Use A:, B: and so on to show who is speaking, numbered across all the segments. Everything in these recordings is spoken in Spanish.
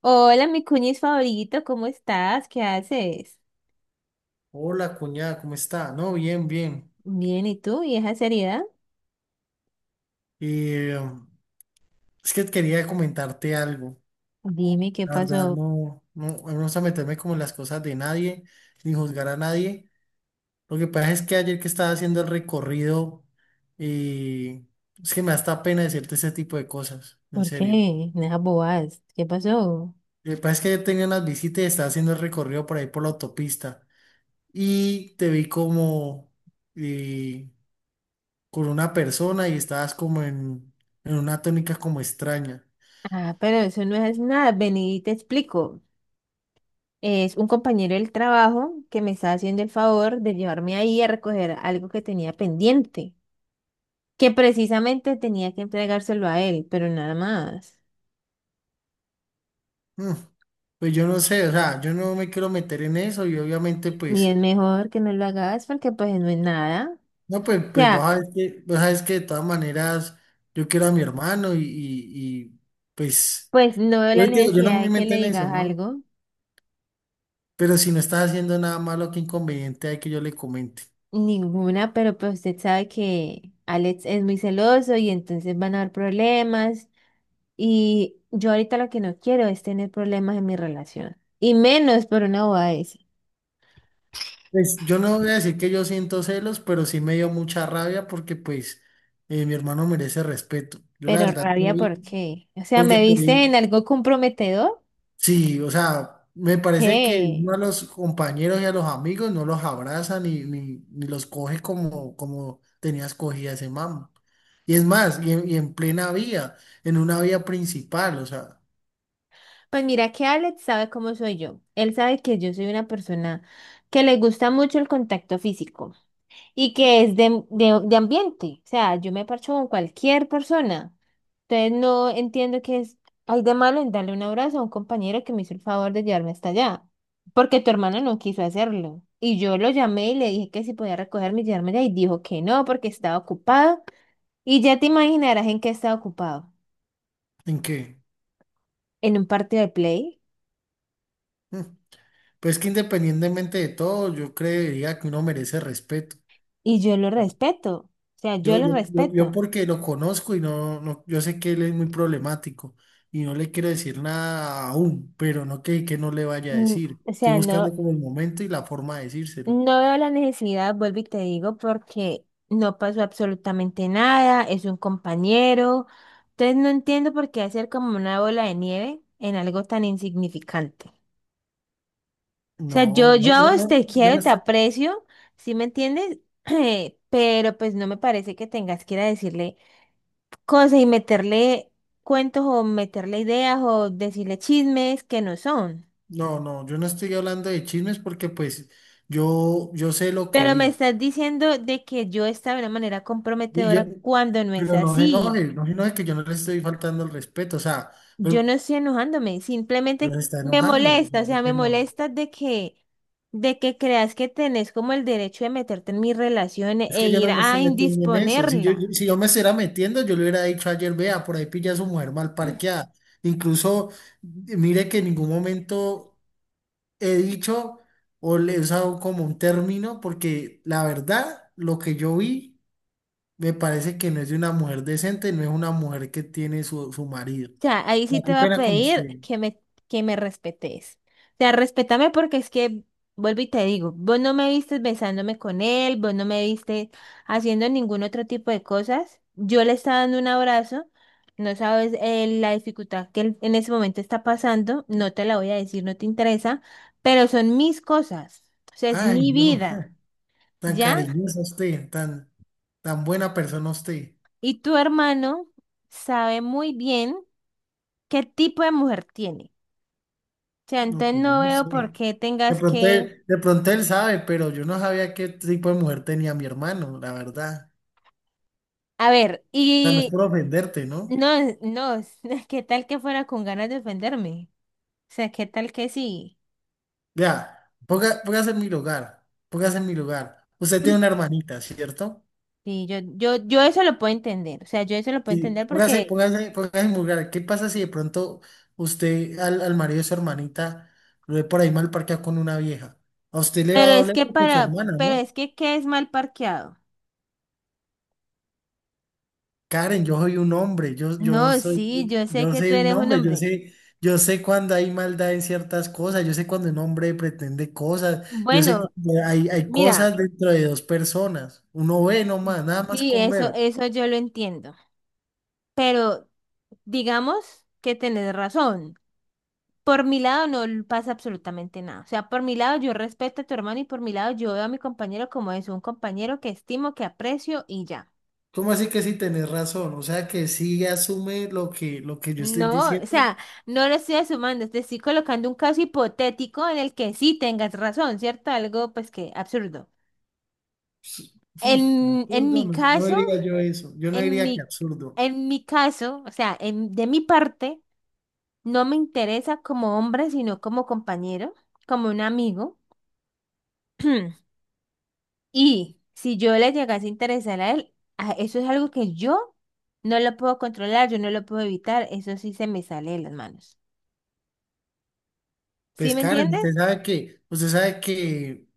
A: Hola, mi cuñis favorito, ¿cómo estás? ¿Qué haces?
B: Hola, cuñada, ¿cómo está? No, bien, bien.
A: Bien, ¿y tú? ¿Y esa seriedad?
B: Eh, es que quería comentarte algo.
A: Dime qué
B: La verdad,
A: pasó.
B: no me gusta meterme como en las cosas de nadie, ni juzgar a nadie. Lo que pasa es que ayer que estaba haciendo el recorrido, eh, es que me da hasta pena decirte ese tipo de cosas, en
A: ¿Por
B: serio.
A: qué? Nada bobadas. ¿Qué pasó?
B: Lo que pasa es que ayer tenía unas visitas y estaba haciendo el recorrido por ahí por la autopista. Y te vi como eh, con una persona y estabas como en una tónica como extraña.
A: Ah, pero eso no es nada, vení y te explico. Es un compañero del trabajo que me está haciendo el favor de llevarme ahí a recoger algo que tenía pendiente, que precisamente tenía que entregárselo a él, pero nada más.
B: Mm, Pues yo no sé, o sea, yo no me quiero meter en eso y obviamente
A: Y es
B: pues,
A: mejor que no lo hagas porque pues no es nada.
B: no, pues, pues
A: Ya,
B: vos sabes que de todas maneras yo quiero a mi hermano y, pues,
A: pues no veo la
B: yo, te digo, yo no
A: necesidad
B: me
A: de que
B: meto
A: le
B: en eso,
A: digas
B: ¿no?
A: algo.
B: Pero si no estás haciendo nada malo, qué inconveniente hay que yo le comente.
A: Ninguna, pero pues usted sabe que Alex es muy celoso y entonces van a haber problemas. Y yo ahorita lo que no quiero es tener problemas en mi relación. Y menos por una boda esa.
B: Pues yo no voy a decir que yo siento celos, pero sí me dio mucha rabia porque pues mi hermano merece respeto. Yo la
A: Pero
B: verdad te
A: rabia,
B: vi,
A: ¿por qué? O sea,
B: porque
A: ¿me
B: te
A: viste en
B: vi.
A: algo comprometedor?
B: Sí, o sea, me parece que
A: ¿Qué?
B: uno a los compañeros y a los amigos no los abraza ni los coge como, como tenías cogida ese man. Y es más, y en plena vía, en una vía principal, o sea,
A: Pues mira que Alex sabe cómo soy yo. Él sabe que yo soy una persona que le gusta mucho el contacto físico, y que es de ambiente. O sea, yo me parcho con cualquier persona. Entonces no entiendo qué es, hay de malo en darle un abrazo a un compañero que me hizo el favor de llevarme hasta allá, porque tu hermano no quiso hacerlo. Y yo lo llamé y le dije que si podía recogerme y llevarme allá y dijo que no porque estaba ocupado. Y ya te imaginarás en qué estaba ocupado,
B: ¿en qué?
A: en un partido de play.
B: Mm. Pues que independientemente de todo, yo creería que uno merece respeto.
A: Y yo lo respeto, o sea, yo lo
B: Yo
A: respeto.
B: porque lo conozco y no, yo sé que él es muy problemático y no le quiero decir nada aún, pero no que no le vaya a
A: Mm.
B: decir.
A: O
B: Estoy
A: sea,
B: buscando
A: no,
B: como el momento y la forma de decírselo.
A: no veo la necesidad, vuelvo y te digo, porque no pasó absolutamente nada, es un compañero. Entonces no entiendo por qué hacer como una bola de nieve en algo tan insignificante. O sea, yo, a vos
B: No,
A: te
B: yo
A: quiero,
B: no
A: te
B: estoy,
A: aprecio, ¿sí me entiendes? Pero pues no me parece que tengas que ir a decirle cosas y meterle cuentos o meterle ideas o decirle chismes que no son.
B: no, yo no estoy hablando de chismes porque pues yo sé lo que
A: Pero me
B: vi.
A: estás diciendo de que yo estaba de una manera
B: Y yo-
A: comprometedora cuando no es
B: pero no se
A: así.
B: enoje, no se enoje que yo no le estoy faltando el respeto, o sea,
A: Yo
B: pero,
A: no estoy enojándome,
B: pero
A: simplemente
B: se está
A: me
B: enojando, o sea,
A: molesta, o
B: ¿por
A: sea, me
B: qué no?
A: molesta de que creas que tenés como el derecho de meterte en mis relaciones
B: Es
A: e
B: que yo
A: ir
B: no me
A: a
B: estoy metiendo en eso. Si yo-
A: indisponerla.
B: si yo me estuviera metiendo, yo le hubiera dicho ayer, vea, por ahí pilla a su mujer mal parqueada. Incluso, mire que en ningún momento he dicho o le he usado como un término, porque la verdad, lo que yo vi, me parece que no es de una mujer decente, no es una mujer que tiene su marido.
A: Sea, ahí
B: Ah,
A: sí te
B: qué
A: va a
B: pena con
A: pedir
B: usted.
A: que me respetes. O sea, respétame porque es que, vuelvo y te digo, vos no me viste besándome con él, vos no me viste haciendo ningún otro tipo de cosas. Yo le estaba dando un abrazo, no sabes la dificultad que él en ese momento está pasando, no te la voy a decir, no te interesa, pero son mis cosas, o sea, es
B: Ay,
A: mi
B: no,
A: vida,
B: tan
A: ¿ya?
B: cariñosa usted, tan, tan buena persona usted.
A: Y tu hermano sabe muy bien qué tipo de mujer tiene. Sea,
B: No,
A: entonces
B: pues yo
A: no
B: no
A: veo por
B: sé.
A: qué tengas que...
B: De pronto él sabe, pero yo no sabía qué tipo de mujer tenía mi hermano, la verdad.
A: A ver,
B: O sea, no es
A: y
B: por ofenderte, ¿no?
A: no, no, ¿qué tal que fuera con ganas de ofenderme? O sea, ¿qué tal que sí?
B: Vea, ponga- póngase en mi lugar, póngase en mi lugar. Usted tiene una hermanita, ¿cierto?
A: Sí, yo eso lo puedo entender, o sea, yo eso lo puedo
B: Y
A: entender porque,
B: póngase en mi lugar. ¿Qué pasa si de pronto usted al marido de su hermanita lo ve por ahí mal parqueado con una vieja? A usted le va a
A: pero es
B: doler
A: que
B: porque es su
A: para,
B: hermana,
A: pero es
B: ¿no?
A: que ¿qué es mal parqueado?
B: Karen, yo soy un hombre,
A: No, sí, yo sé
B: yo
A: que tú
B: soy un
A: eres un
B: hombre,
A: hombre.
B: yo sé cuando hay maldad en ciertas cosas, yo sé cuando un hombre pretende cosas, yo sé
A: Bueno,
B: cuando hay
A: mira,
B: cosas dentro de dos personas, uno ve nomás, nada más
A: sí,
B: con ver.
A: eso yo lo entiendo, pero digamos que tenés razón. Por mi lado no pasa absolutamente nada. O sea, por mi lado yo respeto a tu hermano y por mi lado yo veo a mi compañero como es un compañero que estimo, que aprecio y ya.
B: ¿Cómo así que sí tenés razón? O sea que sí asume lo que yo estoy
A: No, o
B: diciendo.
A: sea, no lo estoy sumando, te estoy colocando un caso hipotético en el que sí tengas razón, ¿cierto? Algo pues que absurdo.
B: Hmm,
A: En
B: Absurdo,
A: mi
B: no, no
A: caso,
B: diría yo eso, yo no
A: en
B: diría que
A: mi,
B: absurdo.
A: en mi caso, o sea, en, de mi parte, no me interesa como hombre, sino como compañero, como un amigo. Y si yo le llegase a interesar a él, a- eso es algo que yo no lo puedo controlar, yo no lo puedo evitar, eso sí se me sale de las manos. ¿Sí
B: Pues
A: me
B: Karen,
A: entiendes?
B: usted sabe que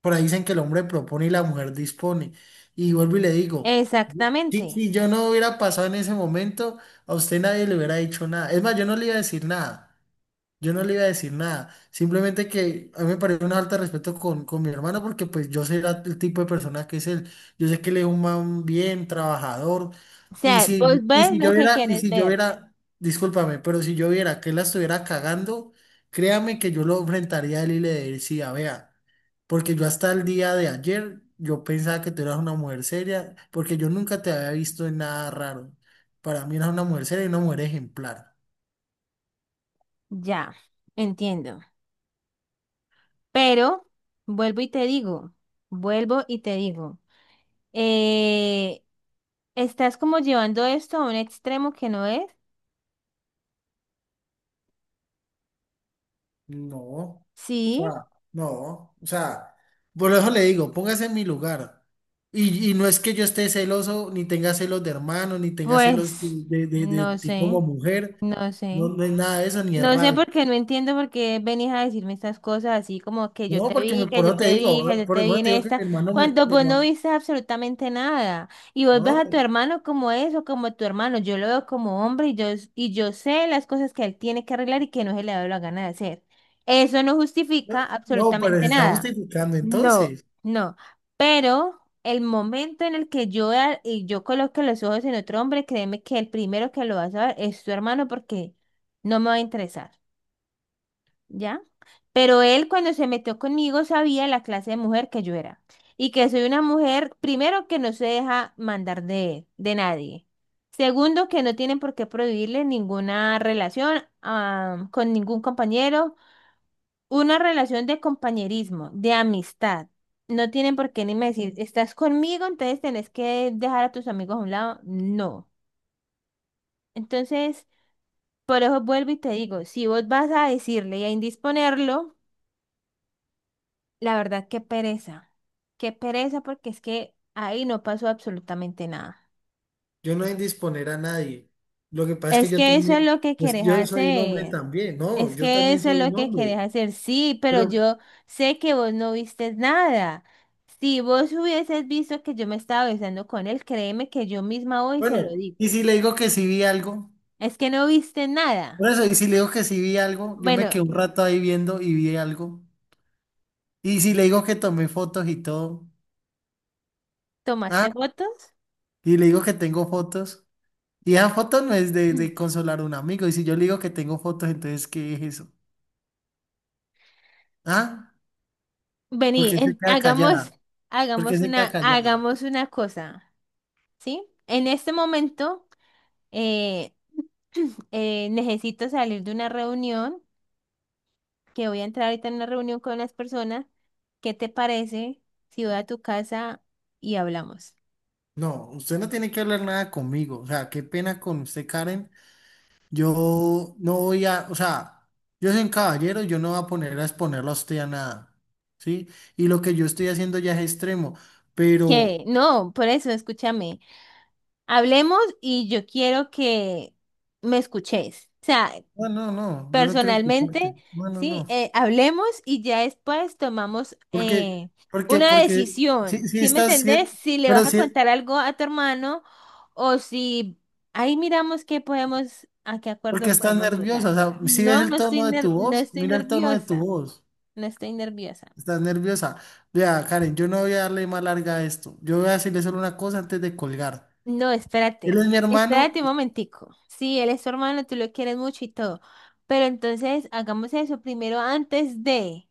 B: por ahí dicen que el hombre propone y la mujer dispone. Y vuelvo y le digo,
A: Exactamente.
B: si yo no hubiera pasado en ese momento, a usted nadie le hubiera dicho nada. Es más, yo no le iba a decir nada. Yo no le iba a decir nada. Simplemente que a mí me parece una falta de respeto con mi hermano porque pues yo sé la- el tipo de persona que es él. Yo sé que él es un man bien trabajador.
A: O
B: Y
A: sea, vos
B: si,
A: ves lo que
B: y
A: quieres
B: si yo
A: ver.
B: hubiera, discúlpame, pero si yo viera que él la estuviera cagando, créame que yo lo enfrentaría a él y le decía, vea. Porque yo hasta el día de ayer, yo pensaba que tú eras una mujer seria, porque yo nunca te había visto en nada raro. Para mí eras una mujer seria y una mujer ejemplar.
A: Ya, entiendo. Pero vuelvo y te digo, vuelvo y te digo, eh, estás como llevando esto a un extremo que no es.
B: No, o
A: Sí,
B: sea, no, o sea, por eso le digo, póngase en mi lugar. Y no es que yo esté celoso, ni tenga celos de hermano, ni tenga celos
A: pues,
B: de
A: no
B: ti como
A: sé,
B: mujer.
A: no
B: No,
A: sé.
B: no es nada de eso, ni es
A: No sé
B: rabia.
A: por qué, no entiendo por qué venís a decirme estas cosas así como que yo
B: No,
A: te
B: porque me,
A: vi, que
B: por
A: yo
B: eso te
A: te
B: digo,
A: vi, que
B: ah,
A: yo
B: por
A: te vi
B: eso
A: en
B: te digo que
A: esta,
B: mi hermano me...
A: cuando
B: me-
A: vos no viste absolutamente nada. Y vos ves
B: no,
A: a tu hermano como eso, como tu hermano. Yo lo veo como hombre y yo sé las cosas que él tiene que arreglar y que no se le da la gana de hacer. Eso no justifica
B: no, pero se
A: absolutamente
B: está
A: nada.
B: justificando
A: No,
B: entonces.
A: no, pero el momento en el que yo, vea- y yo coloque los ojos en otro hombre, créeme que el primero que lo va a saber es tu hermano porque no me va a interesar, ¿ya? Pero él cuando se metió conmigo sabía la clase de mujer que yo era y que soy una mujer, primero, que no se deja mandar de nadie. Segundo, que no tienen por qué prohibirle ninguna relación ah, con ningún compañero, una relación de compañerismo, de amistad. No tienen por qué ni me decir, estás conmigo, entonces tenés que dejar a tus amigos a un lado. No. Entonces, por eso vuelvo y te digo, si vos vas a decirle y a indisponerlo, la verdad, qué pereza. Qué pereza porque es que ahí no pasó absolutamente nada.
B: Yo no he disponer a nadie. Lo que pasa es que
A: Es
B: yo
A: que eso es
B: también,
A: lo que
B: pues
A: querés
B: yo soy un hombre
A: hacer.
B: también, no,
A: Es
B: yo
A: que
B: también
A: eso es
B: soy
A: lo
B: un
A: que querés
B: hombre.
A: hacer. Sí, pero
B: Pero
A: yo sé que vos no viste nada. Si vos hubieses visto que yo me estaba besando con él, créeme que yo misma hoy se lo
B: bueno, y
A: digo.
B: si le digo que sí vi algo,
A: Es que no viste
B: por
A: nada.
B: eso, y si le digo que sí vi algo, yo me
A: Bueno,
B: quedé un rato ahí viendo y vi algo. Y si le digo que tomé fotos y todo, ah,
A: ¿tomaste fotos?
B: y le digo que tengo fotos, y esa foto no es de consolar a un amigo, y si yo le digo que tengo fotos, entonces, ¿qué es eso? Ah,
A: Vení,
B: porque se
A: en-
B: queda
A: hagamos,
B: callada, porque se queda callada.
A: hagamos una cosa, ¿sí? En este momento. eh, necesito salir de una reunión, que voy a entrar ahorita en una reunión con unas personas. ¿Qué te parece si voy a tu casa y hablamos?
B: No, usted no tiene que hablar nada conmigo. O sea, qué pena con usted, Karen. Yo no voy a, o sea, yo soy un caballero, yo no voy a poner a exponerlo a usted a nada. ¿Sí? Y lo que yo estoy haciendo ya es extremo.
A: Que
B: Pero,
A: no, por eso, escúchame. Hablemos y yo quiero que me escuches. O sea,
B: no, no, no, yo no quiero
A: personalmente,
B: escucharte. No, no,
A: sí,
B: no.
A: hablemos y ya después tomamos
B: Porque,
A: una
B: Porque, sí,
A: decisión.
B: sí
A: ¿Sí me
B: estás, sí,
A: entendés? Si le
B: pero
A: vas a
B: sí,
A: contar algo a tu hermano o si ahí miramos qué podemos, a qué
B: porque
A: acuerdo
B: estás
A: podemos
B: nerviosa. O
A: llegar.
B: sea, si ves
A: No,
B: el
A: no estoy
B: tono de tu
A: ner- no
B: voz,
A: estoy
B: mira el tono de tu
A: nerviosa.
B: voz.
A: No estoy nerviosa.
B: Estás nerviosa. Vea, Karen, yo no voy a darle más larga a esto. Yo voy a decirle solo una cosa antes de colgar.
A: No, espérate.
B: Él es mi
A: Espérate
B: hermano.
A: un momentico. Sí, él es tu hermano, tú lo quieres mucho y todo. Pero entonces hagamos eso primero antes de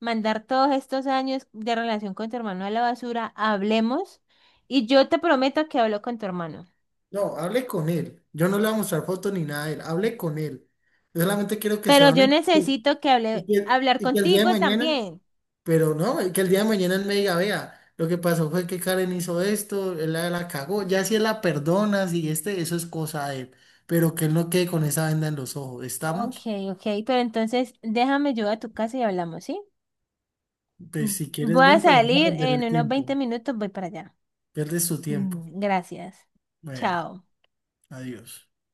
A: mandar todos estos años de relación con tu hermano a la basura, hablemos y yo te prometo que hablo con tu hermano.
B: No, hable con él. Yo no le voy a mostrar fotos ni nada de él. Hable con él. Yo solamente quiero que
A: Pero
B: sea
A: yo
B: honesto
A: necesito que
B: y
A: hable, hablar
B: y que el día de
A: contigo
B: mañana,
A: también.
B: pero no, y que el día de mañana él me diga, vea, lo que pasó fue que Karen hizo esto, él la cagó. Ya si él la perdona, si este, eso es cosa de él. Pero que él no quede con esa venda en los ojos.
A: Ok,
B: ¿Estamos?
A: ok, pero entonces déjame yo a tu casa y hablamos, ¿sí? Mm,
B: Pues si quieres,
A: voy a
B: ven, pero vas a
A: salir
B: perder
A: en
B: el
A: unos
B: tiempo.
A: 20 minutos, voy para allá.
B: Pierdes tu tiempo.
A: Mm, gracias.
B: Bueno,
A: Chao.
B: adiós.